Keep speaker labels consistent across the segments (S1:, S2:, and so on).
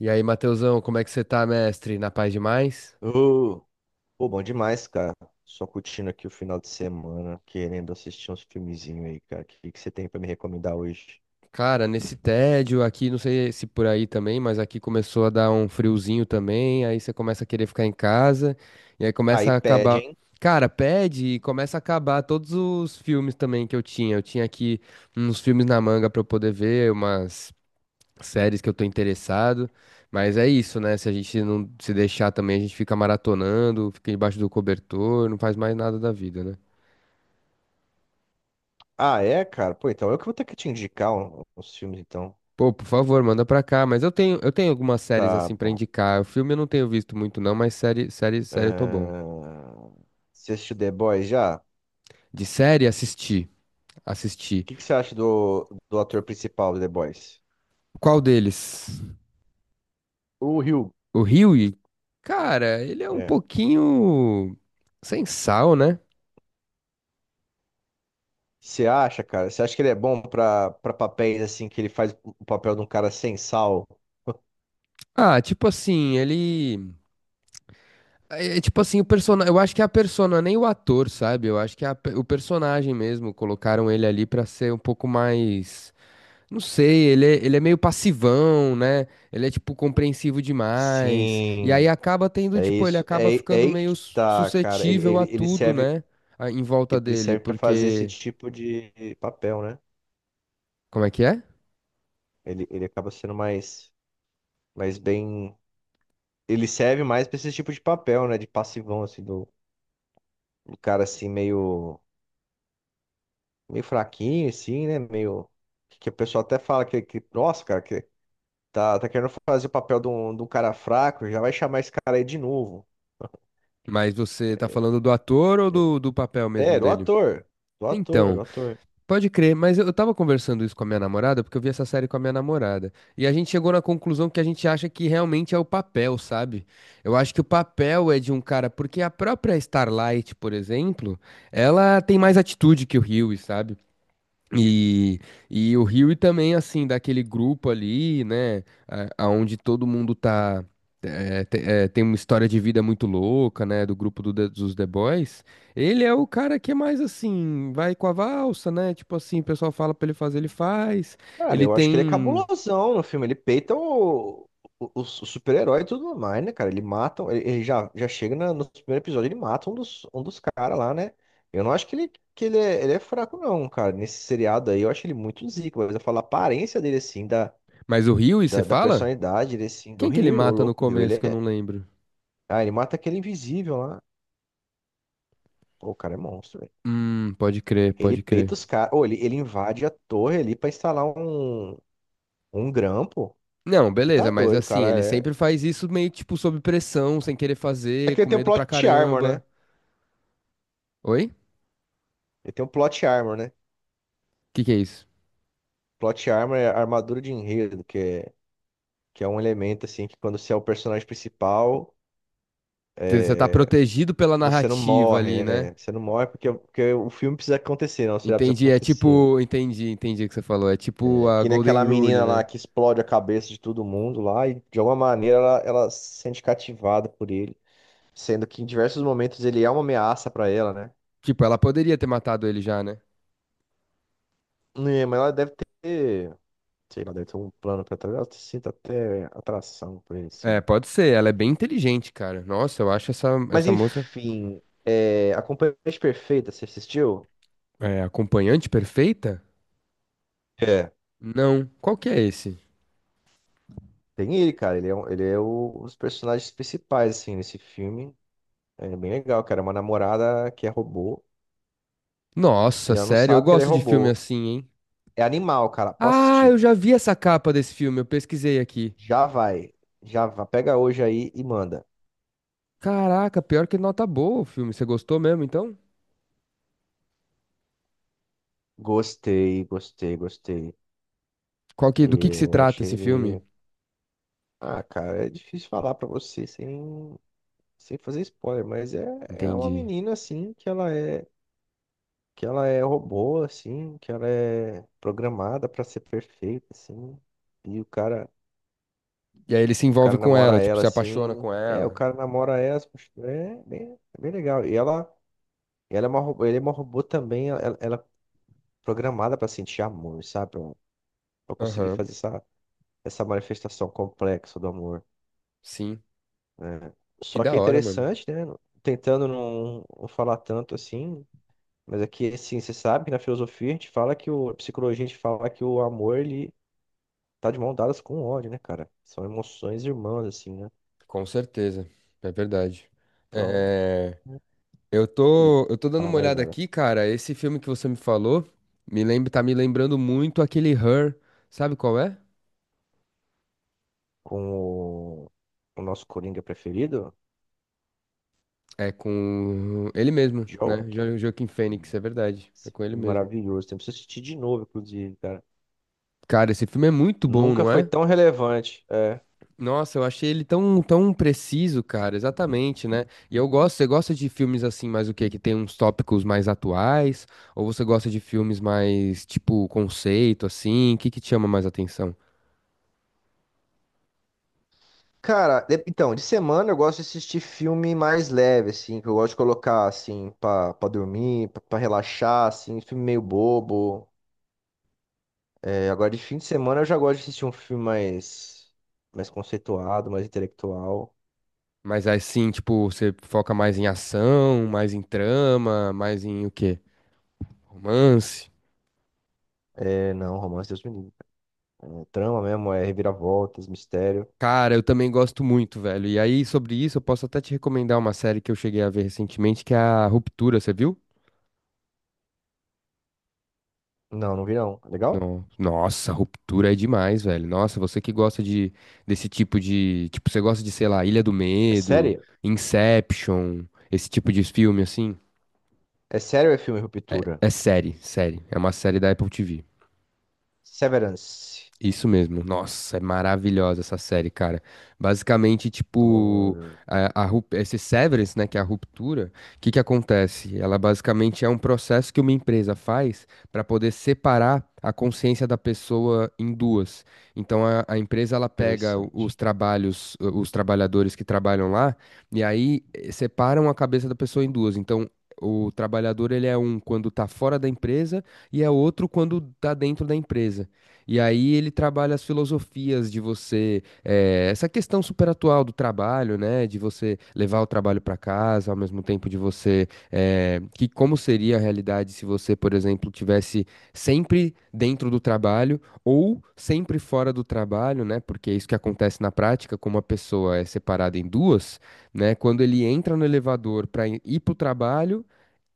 S1: E aí, Matheusão, como é que você tá, mestre? Na paz demais?
S2: Ô, pô, bom demais, cara. Só curtindo aqui o final de semana, querendo assistir uns filmezinhos aí, cara. O que que você tem pra me recomendar hoje?
S1: Cara, nesse tédio aqui, não sei se por aí também, mas aqui começou a dar um friozinho também, aí você começa a querer ficar em casa, e aí
S2: Aí
S1: começa a
S2: pede,
S1: acabar.
S2: hein?
S1: Cara, pede e começa a acabar todos os filmes também que eu tinha. Eu tinha aqui uns filmes na manga pra eu poder ver, umas séries que eu tô interessado. Mas é isso, né? Se a gente não se deixar também, a gente fica maratonando, fica embaixo do cobertor, não faz mais nada da vida, né?
S2: Ah, é, cara? Pô, então eu que vou ter que te indicar uns filmes, então.
S1: Pô, por favor, manda pra cá. Mas eu tenho algumas séries
S2: Tá
S1: assim pra
S2: bom.
S1: indicar. O filme eu não tenho visto muito, não, mas série, série, série eu tô bom.
S2: Ahn, Você assistiu The Boys já? O
S1: De série, assisti. Assisti.
S2: que que você acha do ator principal do The Boys?
S1: Qual deles?
S2: O Rio.
S1: O Hughie? Cara, ele é um
S2: É.
S1: pouquinho sem sal, né?
S2: Você acha, cara? Você acha que ele é bom pra papéis assim, que ele faz o papel de um cara sem sal?
S1: Ah, tipo assim, ele. É tipo assim, o personagem. Eu acho que é a persona, nem o ator, sabe? Eu acho que é a o personagem mesmo. Colocaram ele ali pra ser um pouco mais. Não sei, ele é meio passivão, né? Ele é, tipo, compreensivo demais. E aí
S2: Sim.
S1: acaba tendo,
S2: É
S1: tipo, ele
S2: isso.
S1: acaba
S2: É, é
S1: ficando
S2: aí
S1: meio
S2: que tá, cara. Ele,
S1: suscetível
S2: ele,
S1: a
S2: ele
S1: tudo,
S2: serve,
S1: né? Em volta
S2: ele
S1: dele,
S2: serve para fazer esse
S1: porque.
S2: tipo de papel, né?
S1: Como é que é?
S2: Ele acaba sendo mais bem. Ele serve mais pra esse tipo de papel, né? De passivão, assim, do, do cara assim, meio, meio fraquinho, assim, né? Meio. Que o pessoal até fala que nossa, cara, que tá querendo fazer o papel de um cara fraco, já vai chamar esse cara aí de novo.
S1: Mas você tá falando do ator ou do, do papel mesmo
S2: É, do
S1: dele?
S2: ator.
S1: Então.
S2: Do ator.
S1: Pode crer, mas eu tava conversando isso com a minha namorada, porque eu vi essa série com a minha namorada. E a gente chegou na conclusão que a gente acha que realmente é o papel, sabe? Eu acho que o papel é de um cara, porque a própria Starlight, por exemplo, ela tem mais atitude que o Hughie, sabe? E, e o Rio também, assim, daquele grupo ali, né, aonde todo mundo tá, é, tem uma história de vida muito louca, né, do grupo do The- dos The Boys, ele é o cara que é mais assim, vai com a valsa, né, tipo assim, o pessoal fala pra ele fazer, ele faz,
S2: Cara,
S1: ele
S2: eu acho que ele é
S1: tem...
S2: cabulosão no filme. Ele peita o super-herói e tudo mais, né, cara? Ele mata. Ele já, já chega no primeiro episódio, ele mata um dos caras lá, né? Eu não acho que ele é fraco, não, cara. Nesse seriado aí, eu acho ele muito zico. Mas eu falo a aparência dele, assim,
S1: Mas o Rio, e você
S2: da
S1: fala?
S2: personalidade, ele, assim, do
S1: Quem que ele
S2: Ryu, ô
S1: mata no
S2: louco, o Ryu. Ele
S1: começo que eu não
S2: é.
S1: lembro?
S2: Ah, ele mata aquele invisível lá. Pô, o cara é monstro, velho.
S1: Pode crer,
S2: Ele
S1: pode
S2: peita
S1: crer.
S2: os caras. Ou ele invade a torre ali pra instalar um grampo.
S1: Não,
S2: Você tá
S1: beleza, mas
S2: doido,
S1: assim, ele
S2: cara. É
S1: sempre faz isso meio tipo sob pressão, sem querer
S2: É
S1: fazer,
S2: que ele
S1: com
S2: tem o
S1: medo pra
S2: plot armor, né?
S1: caramba. Oi? O
S2: Ele tem o plot armor, né?
S1: que que é isso?
S2: Plot armor é a armadura de enredo, que é um elemento, assim, que quando você é o personagem principal,
S1: Você tá protegido pela
S2: você não
S1: narrativa
S2: morre,
S1: ali, né?
S2: né? Você não morre porque o filme precisa acontecer, não, você já precisa
S1: Entendi, é
S2: acontecer.
S1: tipo, entendi, entendi o que você falou. É tipo
S2: É
S1: a
S2: que nem aquela
S1: Golden Rule,
S2: menina lá
S1: né?
S2: que explode a cabeça de todo mundo lá e, de alguma maneira, ela se sente cativada por ele. Sendo que em diversos momentos ele é uma ameaça pra ela, né?
S1: Tipo, ela poderia ter matado ele já, né?
S2: É, mas ela deve ter, sei lá, deve ter um plano pra trás. Ela se sinta até atração por ele, assim,
S1: É,
S2: né?
S1: pode ser, ela é bem inteligente, cara. Nossa, eu acho essa,
S2: Mas
S1: essa moça
S2: enfim, é, A Companhia Perfeita, você assistiu?
S1: é, acompanhante perfeita?
S2: É.
S1: Não. Qual que é esse?
S2: Tem ele, cara. Ele é, ele é um personagens principais, assim, nesse filme. É bem legal, cara. É uma namorada que é robô
S1: Nossa,
S2: e ela não
S1: sério, eu
S2: sabe que ela é
S1: gosto de filme
S2: robô.
S1: assim, hein?
S2: É animal, cara. Posso
S1: Ah,
S2: assistir.
S1: eu já vi essa capa desse filme, eu pesquisei aqui.
S2: Já vai. Já vai. Pega hoje aí e manda.
S1: Caraca, pior que nota boa o filme. Você gostou mesmo, então?
S2: Gostei, gostei, gostei.
S1: Qual que, do que se
S2: Eu
S1: trata
S2: achei
S1: esse
S2: ele.
S1: filme?
S2: Ah, cara, é difícil falar pra você sem fazer spoiler, mas é, é uma
S1: Entendi.
S2: menina, assim, que ela é, que ela é robô, assim, que ela é programada pra ser perfeita, assim. E
S1: E aí ele se
S2: o cara
S1: envolve com ela,
S2: namora
S1: tipo,
S2: ela,
S1: se apaixona
S2: assim.
S1: com
S2: É, o
S1: ela.
S2: cara namora ela, assim, é bem legal. E ela é uma, ele é uma robô também, ela é programada pra sentir amor, sabe? Pra conseguir
S1: Aham,
S2: fazer essa manifestação complexa do amor,
S1: sim.
S2: né?
S1: Que
S2: Só que
S1: da
S2: é
S1: hora, mano.
S2: interessante, né? Tentando não falar tanto assim, mas aqui, assim, você sabe que na filosofia a gente fala que o, a psicologia a gente fala que o amor, ele tá de mão dadas com o ódio, né, cara? São emoções irmãs, assim, né?
S1: Com certeza. É verdade.
S2: Então,
S1: É,
S2: não
S1: eu
S2: sei
S1: tô, eu tô dando
S2: falar
S1: uma
S2: mais
S1: olhada
S2: nada.
S1: aqui, cara. Esse filme que você me falou me lembra, tá me lembrando muito aquele Her. Sabe qual é?
S2: Com o, o nosso Coringa preferido,
S1: É com ele mesmo, né?
S2: Joker.
S1: Joaquin Phoenix, é verdade. É
S2: Esse
S1: com ele
S2: filme
S1: mesmo.
S2: maravilhoso. Tem que assistir de novo, inclusive, cara.
S1: Cara, esse filme é muito bom,
S2: Nunca
S1: não
S2: foi
S1: é?
S2: tão relevante. É.
S1: Nossa, eu achei ele tão, tão preciso, cara, exatamente, né? E eu gosto, você gosta de filmes assim, mais o quê? Que tem uns tópicos mais atuais? Ou você gosta de filmes mais, tipo, conceito, assim? O que que te chama mais atenção?
S2: Cara, então, de semana eu gosto de assistir filme mais leve, assim, que eu gosto de colocar, assim, pra dormir, pra relaxar, assim, filme meio bobo. É, agora de fim de semana eu já gosto de assistir um filme mais conceituado, mais intelectual.
S1: Mas assim, tipo, você foca mais em ação, mais em trama, mais em o quê? Romance?
S2: É, não, romance Deus me livre. É, trama mesmo, é reviravoltas, mistério.
S1: Cara, eu também gosto muito, velho. E aí, sobre isso, eu posso até te recomendar uma série que eu cheguei a ver recentemente, que é a Ruptura, você viu?
S2: Não, não vi não. É legal?
S1: Nossa, ruptura é demais, velho. Nossa, você que gosta de desse tipo de, tipo, você gosta de, sei lá, Ilha do
S2: É
S1: Medo,
S2: sério?
S1: Inception, esse tipo de filme assim?
S2: É sério ou é filme Ruptura?
S1: É série, série. É uma série da Apple TV.
S2: Severance.
S1: Isso mesmo. Nossa, é maravilhosa essa série, cara. Basicamente, tipo,
S2: Escritório.
S1: a, esse severance, né, que é a ruptura, o que que acontece? Ela basicamente é um processo que uma empresa faz para poder separar a consciência da pessoa em duas. Então, a empresa ela pega os
S2: Interessante.
S1: trabalhos, os trabalhadores que trabalham lá, e aí eh, separam a cabeça da pessoa em duas. Então, o trabalhador, ele é um quando tá fora da empresa e é outro quando tá dentro da empresa. E aí ele trabalha as filosofias de você, eh, essa questão super atual do trabalho, né? De você levar o trabalho para casa, ao mesmo tempo de você, eh, que como seria a realidade se você, por exemplo, tivesse sempre dentro do trabalho ou sempre fora do trabalho, né? Porque é isso que acontece na prática, como a pessoa é separada em duas, né? Quando ele entra no elevador para ir para o trabalho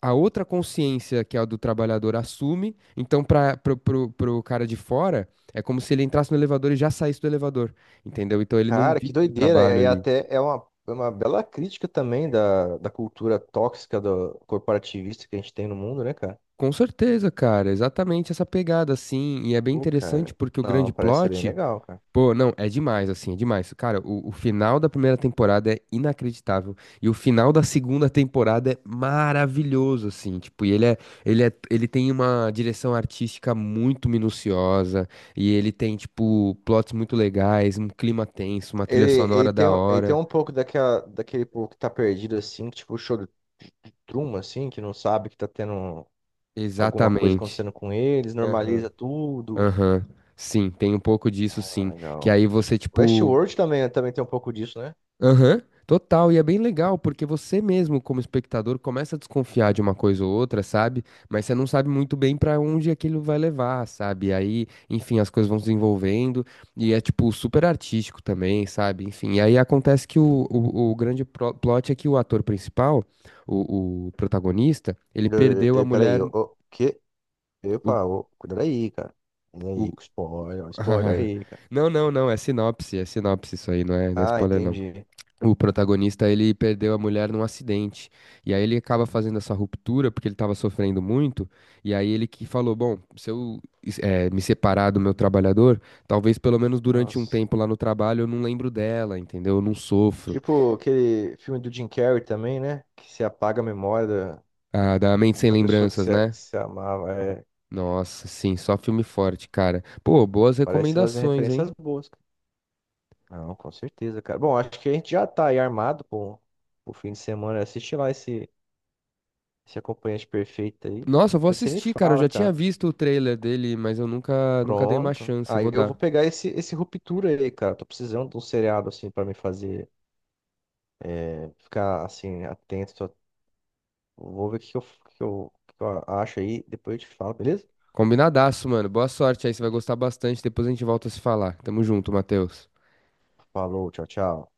S1: a outra consciência, que é a do trabalhador, assume. Então, para pro cara de fora, é como se ele entrasse no elevador e já saísse do elevador, entendeu? Então, ele não
S2: Cara, que
S1: vive o
S2: doideira.
S1: trabalho
S2: E
S1: ali.
S2: até é uma bela crítica também da cultura tóxica do corporativista que a gente tem no mundo, né, cara?
S1: Com certeza, cara, exatamente essa pegada, assim. E é bem
S2: Pô,
S1: interessante
S2: cara.
S1: porque o
S2: Não,
S1: grande
S2: parece ser bem
S1: plot
S2: legal, cara.
S1: pô, não, é demais, assim, é demais. Cara, o final da primeira temporada é inacreditável. E o final da segunda temporada é maravilhoso, assim. Tipo, e ele é, ele tem uma direção artística muito minuciosa. E ele tem, tipo, plots muito legais, um clima tenso, uma trilha
S2: Ele,
S1: sonora da
S2: ele tem
S1: hora.
S2: um pouco daquela, daquele povo que tá perdido, assim, que, tipo, choro de truma, assim, que não sabe que tá tendo alguma coisa
S1: Exatamente.
S2: acontecendo com eles,
S1: Aham,
S2: normaliza tudo.
S1: aham. Sim, tem um pouco disso,
S2: Ah,
S1: sim. Que
S2: legal.
S1: aí você, tipo,
S2: Westworld também, também tem um pouco disso, né?
S1: aham, total. E é bem legal, porque você mesmo, como espectador, começa a desconfiar de uma coisa ou outra, sabe? Mas você não sabe muito bem pra onde aquilo vai levar, sabe? Aí, enfim, as coisas vão se desenvolvendo e é, tipo, super artístico também, sabe? Enfim, e aí acontece que o grande plot é que o ator principal, o protagonista, ele perdeu a
S2: Peraí,
S1: mulher.
S2: o que?
S1: O,
S2: Epa, ô, cuidado aí, cara. Cuidado
S1: o...
S2: aí, com spoiler, ó, spoiler aí, cara.
S1: Não, não, não, é sinopse isso aí, não é, não é
S2: Ah,
S1: spoiler.
S2: entendi.
S1: O protagonista, ele perdeu a mulher num acidente. E aí ele acaba fazendo essa ruptura porque ele estava sofrendo muito. E aí ele que falou: bom, se eu eh, me separar do meu trabalhador, talvez pelo menos durante um
S2: Nossa.
S1: tempo lá no trabalho eu não lembro dela, entendeu? Eu não sofro.
S2: Tipo aquele filme do Jim Carrey também, né? Que se apaga a memória da,
S1: Ah, da Mente Sem
S2: da pessoa
S1: Lembranças,
S2: que
S1: né?
S2: se amava. É,
S1: Nossa, sim, só filme forte, cara. Pô, boas
S2: parece fazer
S1: recomendações, hein?
S2: referências boas. Não, com certeza, cara. Bom, acho que a gente já tá aí armado pro fim de semana. Assiste lá esse, esse acompanhante perfeito aí.
S1: Nossa, eu vou
S2: Depois você me
S1: assistir, cara. Eu
S2: fala,
S1: já tinha
S2: cara.
S1: visto o trailer dele, mas eu nunca, nunca dei uma
S2: Pronto.
S1: chance. Eu
S2: Aí
S1: vou
S2: eu vou
S1: dar.
S2: pegar esse, esse Ruptura aí, cara. Tô precisando de um seriado, assim, pra me fazer é, ficar, assim, atento. Tô- Vou ver o que que eu, que eu, que eu acho aí. Depois eu te falo, beleza?
S1: Combinadaço, mano. Boa sorte aí, você vai gostar bastante. Depois a gente volta a se falar. Tamo junto, Matheus.
S2: Falou, tchau, tchau.